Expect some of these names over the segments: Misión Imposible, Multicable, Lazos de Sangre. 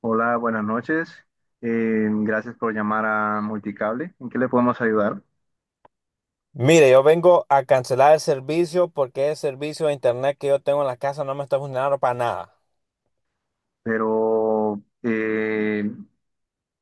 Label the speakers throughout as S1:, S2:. S1: Hola, buenas noches. Gracias por llamar a Multicable. ¿En qué le podemos ayudar?
S2: Mire, yo vengo a cancelar el servicio porque el servicio de internet que yo tengo en la casa no me está funcionando para nada.
S1: Pero,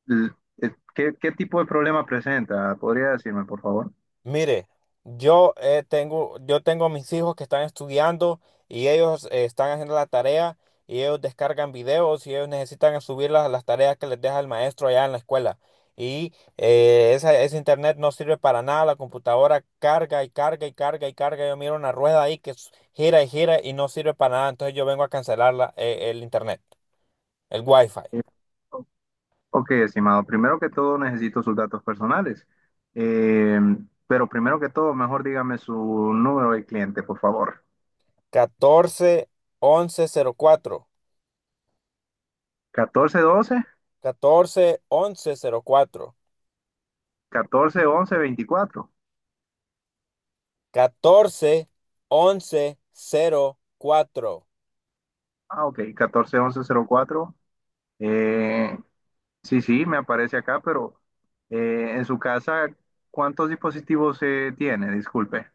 S1: l- ¿qué tipo de problema presenta? ¿Podría decirme, por favor?
S2: Mire, yo tengo mis hijos que están estudiando y ellos están haciendo la tarea y ellos descargan videos y ellos necesitan subir las tareas que les deja el maestro allá en la escuela. Y ese internet no sirve para nada, la computadora carga y carga y carga y carga. Yo miro una rueda ahí que gira y gira y no sirve para nada. Entonces yo vengo a cancelar el internet, el wifi.
S1: Eh, o- ok, estimado. Primero que todo, necesito sus datos personales. Eh, pero primero que todo, mejor dígame su número de cliente, por favor.
S2: 14 11 04.
S1: Catorce catorce doce
S2: 14 11 04.
S1: catorce once veinticuatro.
S2: Catorce once cero cuatro.
S1: Ah, ok, catorce once cero cuatro. Eh, Sí, sí, me aparece acá, pero en su casa, ¿cuántos dispositivos tiene? Disculpe.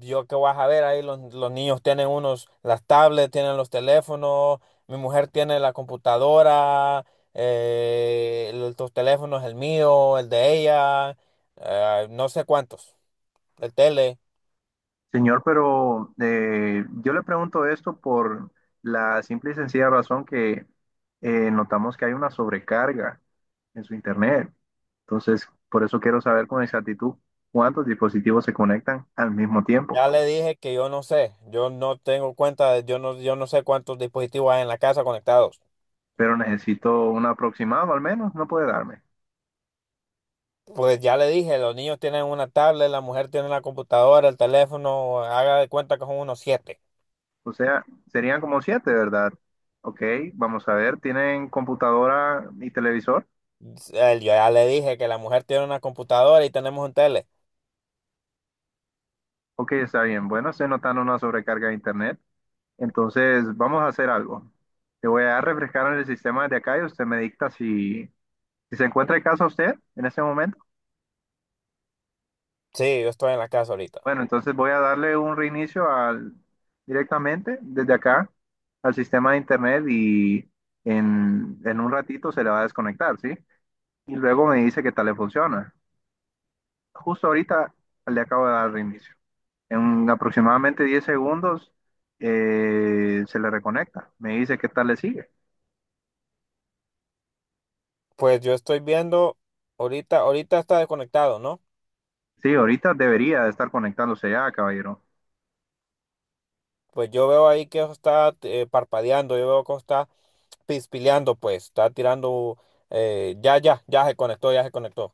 S2: Yo que vas a ver ahí, los niños tienen unos, las tablets, tienen los teléfonos, mi mujer tiene la computadora, los teléfonos, el mío, el de ella, no sé cuántos, el tele.
S1: Señor, pero yo le pregunto esto por la simple y sencilla razón que notamos que hay una sobrecarga en su internet. Entonces, por eso quiero saber con exactitud cuántos dispositivos se conectan al mismo
S2: Ya
S1: tiempo.
S2: le dije que yo no sé, yo no tengo cuenta, yo no sé cuántos dispositivos hay en la casa conectados.
S1: Pero necesito un aproximado al menos, no puede darme.
S2: Pues ya le dije, los niños tienen una tablet, la mujer tiene la computadora, el teléfono, haga de cuenta que son unos siete.
S1: O sea, serían como siete, ¿verdad? Ok, vamos a ver, ¿tienen computadora y televisor?
S2: Yo ya le dije que la mujer tiene una computadora y tenemos un tele.
S1: Ok, está bien. Bueno, estoy notando una sobrecarga de internet. Entonces, vamos a hacer algo. Te voy a refrescar en el sistema de acá y usted me dicta si se encuentra en casa usted en ese momento.
S2: Sí, yo estoy en la casa ahorita.
S1: Bueno, entonces voy a darle un reinicio al, directamente desde acá al sistema de internet y en un ratito se le va a desconectar, ¿sí? Y luego me dice qué tal le funciona. Justo ahorita le acabo de dar reinicio. En aproximadamente 10 segundos se le reconecta. Me dice qué tal le sigue.
S2: Pues yo estoy viendo, ahorita está desconectado, ¿no?
S1: Sí, ahorita debería de estar conectándose ya, caballero.
S2: Pues yo veo ahí que está parpadeando, yo veo que está pispileando, pues, está tirando, ya se conectó, ya se conectó.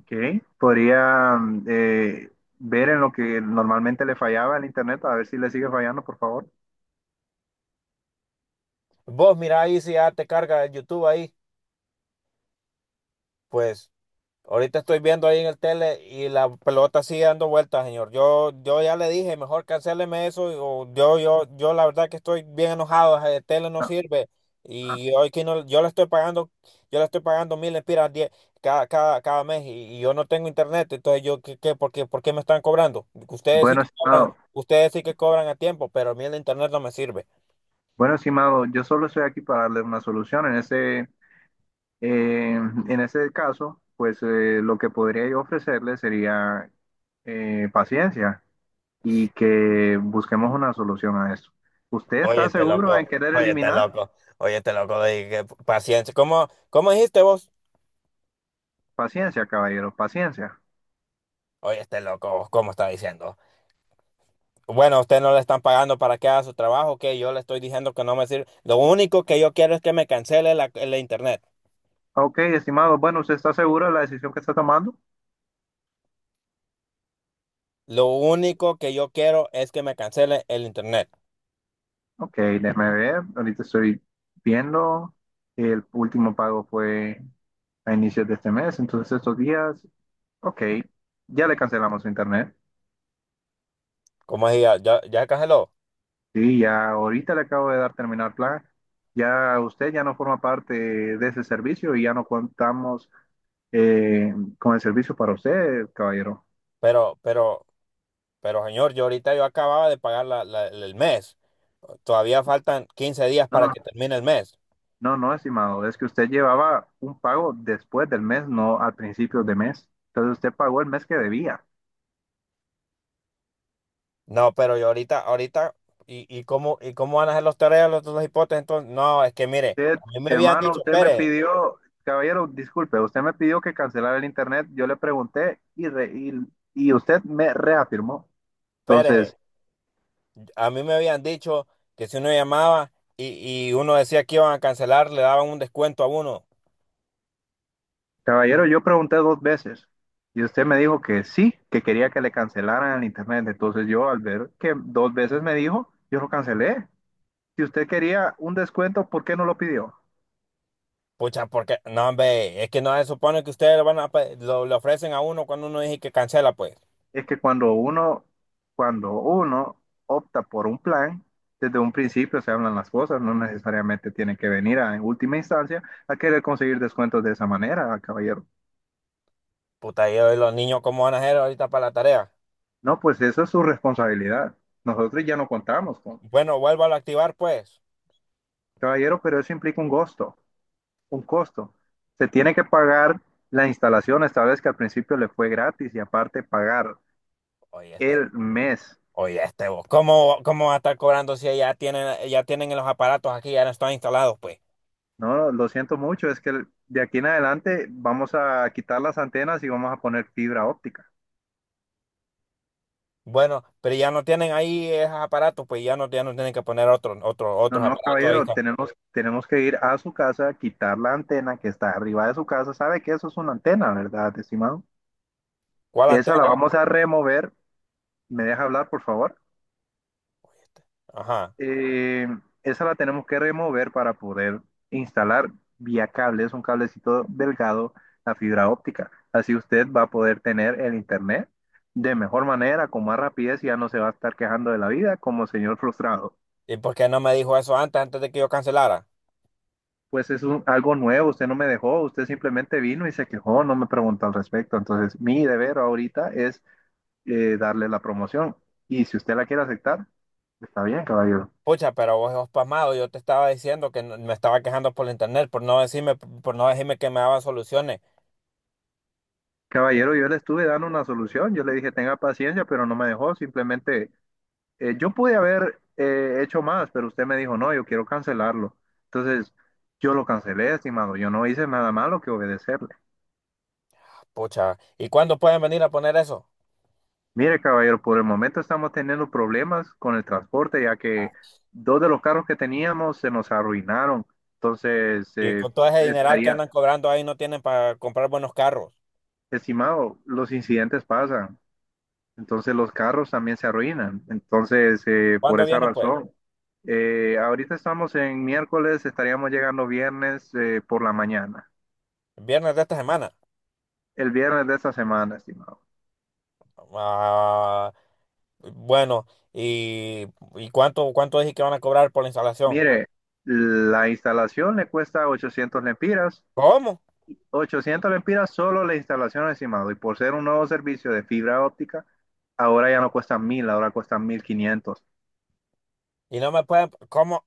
S1: Ok. Podría ver en lo que normalmente le fallaba el internet, a ver si le sigue fallando, por favor.
S2: Vos mira ahí si ya te carga el YouTube ahí, pues. Ahorita estoy viendo ahí en el tele y la pelota sigue dando vueltas, señor. Yo ya le dije, mejor cancéleme eso. O yo la verdad que estoy bien enojado. El tele no
S1: Ah,
S2: sirve.
S1: ah.
S2: Y hoy que no, yo le estoy pagando mil empiras diez cada mes y yo no tengo internet. Entonces yo, ¿por qué me están cobrando? Ustedes sí
S1: Bueno,
S2: que cobran,
S1: estimado.
S2: ustedes sí que cobran a tiempo, pero a mí el internet no me sirve.
S1: Bueno, estimado, yo solo estoy aquí para darle una solución. Eh, en ese caso, pues lo que podría yo ofrecerle sería paciencia. Y que busquemos una solución a esto. ¿Usted
S2: Oye,
S1: está
S2: este
S1: seguro en
S2: loco,
S1: querer
S2: oye, este
S1: eliminar?
S2: loco, oye, este loco, que paciencia. ¿Cómo dijiste vos?
S1: Paciencia, caballero, paciencia.
S2: Oye, este loco, ¿cómo está diciendo? Bueno, usted no le están pagando para que haga su trabajo, que yo le estoy diciendo que no me sirve. Lo único que yo quiero es que me cancele el internet.
S1: Ok, estimado, bueno, ¿usted está seguro de la decisión que está tomando?
S2: Lo único que yo quiero es que me cancele el internet.
S1: Ok, déjeme ver, ahorita estoy viendo, el último pago fue a inicios de este mes, entonces estos días, ok, ya le cancelamos su internet.
S2: Como decía, ya, ya canceló.
S1: Sí, ya ahorita le acabo de dar terminar plan. Ya usted ya no forma parte de ese servicio y ya no contamos con el servicio para usted, caballero.
S2: Pero, pero, pero señor, yo ahorita yo acababa de pagar el mes. Todavía faltan 15 días
S1: No,
S2: para
S1: no,
S2: que termine el mes.
S1: no, no, estimado, es que usted llevaba un pago después del mes, no al principio de mes. Entonces usted pagó el mes que debía.
S2: No, pero yo ¿y cómo van a hacer los tareas, los hipótesis? Entonces, no, es que mire,
S1: Usted,
S2: a mí me habían
S1: hermano,
S2: dicho,
S1: usted me
S2: espere,
S1: pidió, Caballero, disculpe, usted me pidió que cancelara el internet, yo le pregunté y usted me reafirmó. Entonces,
S2: espere. A mí me habían dicho que si uno llamaba y uno decía que iban a cancelar, le daban un descuento a uno.
S1: caballero, yo pregunté dos veces y usted me dijo que sí, que quería que le cancelaran el internet. Entonces yo al ver que dos veces me dijo, yo lo cancelé. Si usted quería un descuento, ¿por qué no lo pidió?
S2: Pucha, porque, no, hombre, es que no se supone que ustedes lo, van a pe- lo, le ofrecen a uno cuando uno dice que cancela, pues.
S1: Es que cuando uno opta por un plan, desde un principio se hablan las cosas, no necesariamente tienen que venir a, en última instancia a querer conseguir descuentos de esa manera, caballero.
S2: Puta, yo y los niños, ¿cómo van a hacer ahorita para la tarea?
S1: No, pues eso es su responsabilidad. Nosotros ya no contamos con,
S2: Bueno, vuélvalo a activar, pues.
S1: caballero, pero eso implica un costo, un costo. Se tiene que pagar la instalación, esta vez que al principio le fue gratis y aparte pagar
S2: Oye, este,
S1: el mes.
S2: oye, este, vos, ¿cómo va a estar cobrando si ya tienen los aparatos aquí, ya no están instalados, pues?
S1: No, lo siento mucho, es que de aquí en adelante vamos a quitar las antenas y vamos a poner fibra óptica.
S2: Bueno, pero ya no tienen ahí esos aparatos, pues ya no tienen que poner otros, otros,
S1: No,
S2: otros
S1: no,
S2: aparatos ahí.
S1: caballero, tenemos que ir a su casa, quitar la antena que está arriba de su casa. ¿Sabe que eso es una antena, verdad, estimado?
S2: ¿Cuál
S1: Esa la
S2: antena?
S1: vamos a remover. ¿Me deja hablar, por favor?
S2: Ajá.
S1: Eh, Esa la tenemos que remover para poder instalar vía cable, es un cablecito delgado, la fibra óptica. Así usted va a poder tener el internet de mejor manera, con más rapidez y ya no se va a estar quejando de la vida como señor frustrado.
S2: ¿Y por qué no me dijo eso antes, antes de que yo cancelara?
S1: Pues es algo nuevo, usted no me dejó, usted simplemente vino y se quejó, no me preguntó al respecto. Entonces, mi deber ahorita es darle la promoción y si usted la quiere aceptar, está bien, caballero.
S2: Pucha, pero vos sos pasmado, yo te estaba diciendo que me estaba quejando por el internet, por no decirme que me daban soluciones.
S1: Caballero, yo le estuve dando una solución, yo le dije tenga paciencia, pero no me dejó, simplemente yo pude haber hecho más, pero usted me dijo no, yo quiero cancelarlo. Entonces yo lo cancelé, estimado, yo no hice nada malo que obedecerle.
S2: Pucha, ¿y cuándo pueden venir a poner eso?
S1: Mire, caballero, por el momento estamos teniendo problemas con el transporte, ya
S2: Ah.
S1: que dos de los carros que teníamos se nos arruinaron. Entonces,
S2: Y con todo ese dineral que
S1: estaría,
S2: andan cobrando ahí no tienen para comprar buenos carros.
S1: estimado, los incidentes pasan. Entonces los carros también se arruinan. Entonces, por
S2: ¿Cuándo
S1: esa
S2: vienen, pues?
S1: razón, ahorita estamos en miércoles, estaríamos llegando viernes por la mañana,
S2: Viernes de esta semana.
S1: el viernes de esta semana, estimado.
S2: Ah, bueno, ¿y, y cuánto dije que van a cobrar por la instalación?
S1: Mire, la instalación le cuesta 800 lempiras,
S2: ¿Cómo?
S1: 800 lempiras solo la instalación, estimado, y por ser un nuevo servicio de fibra óptica, ahora ya no cuesta 1000, ahora cuesta 1500,
S2: Y no me pueden, ¿cómo?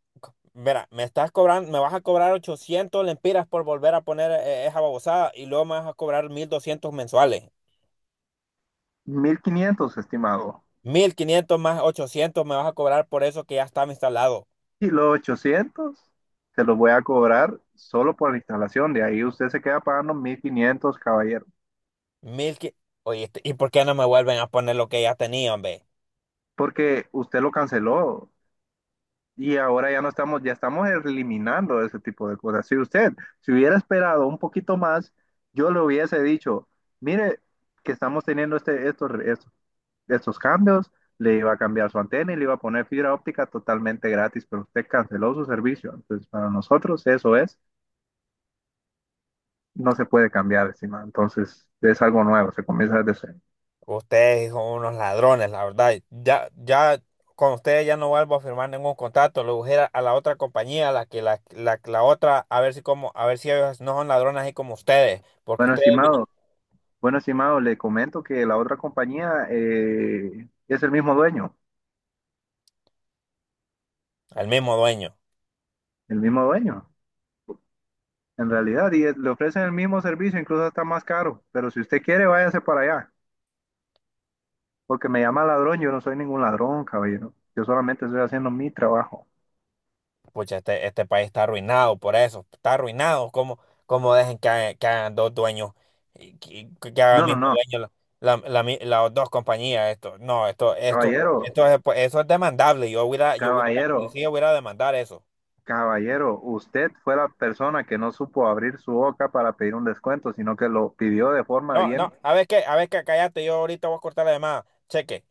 S2: Mira, me vas a cobrar 800 lempiras por volver a poner esa babosada y luego me vas a cobrar 1,200 mensuales.
S1: 1500, estimado.
S2: 1,500 más 800 me vas a cobrar por eso que ya estaba instalado.
S1: Y los 800 se los voy a cobrar solo por la instalación. De ahí usted se queda pagando 1500, caballero,
S2: mil qui- Oye, este, ¿y por qué no me vuelven a poner lo que ya tenían, hombre?
S1: porque usted lo canceló y ahora ya no estamos, ya estamos eliminando ese tipo de cosas. Si usted si hubiera esperado un poquito más, yo le hubiese dicho, mire que estamos teniendo estos cambios, le iba a cambiar su antena y le iba a poner fibra óptica totalmente gratis, pero usted canceló su servicio. Entonces, para nosotros eso es no se puede cambiar, estimado. Entonces, es algo nuevo, se comienza desde cero.
S2: Ustedes son unos ladrones, la verdad. Ya, ya, con ustedes ya no vuelvo a firmar ningún contrato. Lo voy a ir a la otra compañía, la que la otra, a ver si ellos no son ladrones así como ustedes, porque
S1: Bueno,
S2: ustedes
S1: estimado,
S2: vinieron
S1: bueno, estimado, le comento que la otra compañía es
S2: al mismo dueño.
S1: el mismo dueño, en realidad, y le ofrecen el mismo servicio, incluso está más caro. Pero si usted quiere, váyase para allá, porque me llama ladrón, yo no soy ningún ladrón, caballero. Yo solamente estoy haciendo mi trabajo.
S2: Pucha, este país está arruinado por eso, está arruinado. ¿Cómo dejen hagan que hagan dos dueños, y que hagan el
S1: No, no,
S2: mismo
S1: no,
S2: dueño las dos compañías? Esto, no, esto, esto,
S1: Caballero,
S2: esto es, pues, eso es demandable. Yo voy a ir a la
S1: caballero.
S2: policía, voy a ir a demandar eso.
S1: Caballero, usted fue la persona que no supo abrir su boca para pedir un descuento, sino que lo pidió de forma
S2: No, no,
S1: bien
S2: cállate, yo ahorita voy a cortar la llamada. Cheque.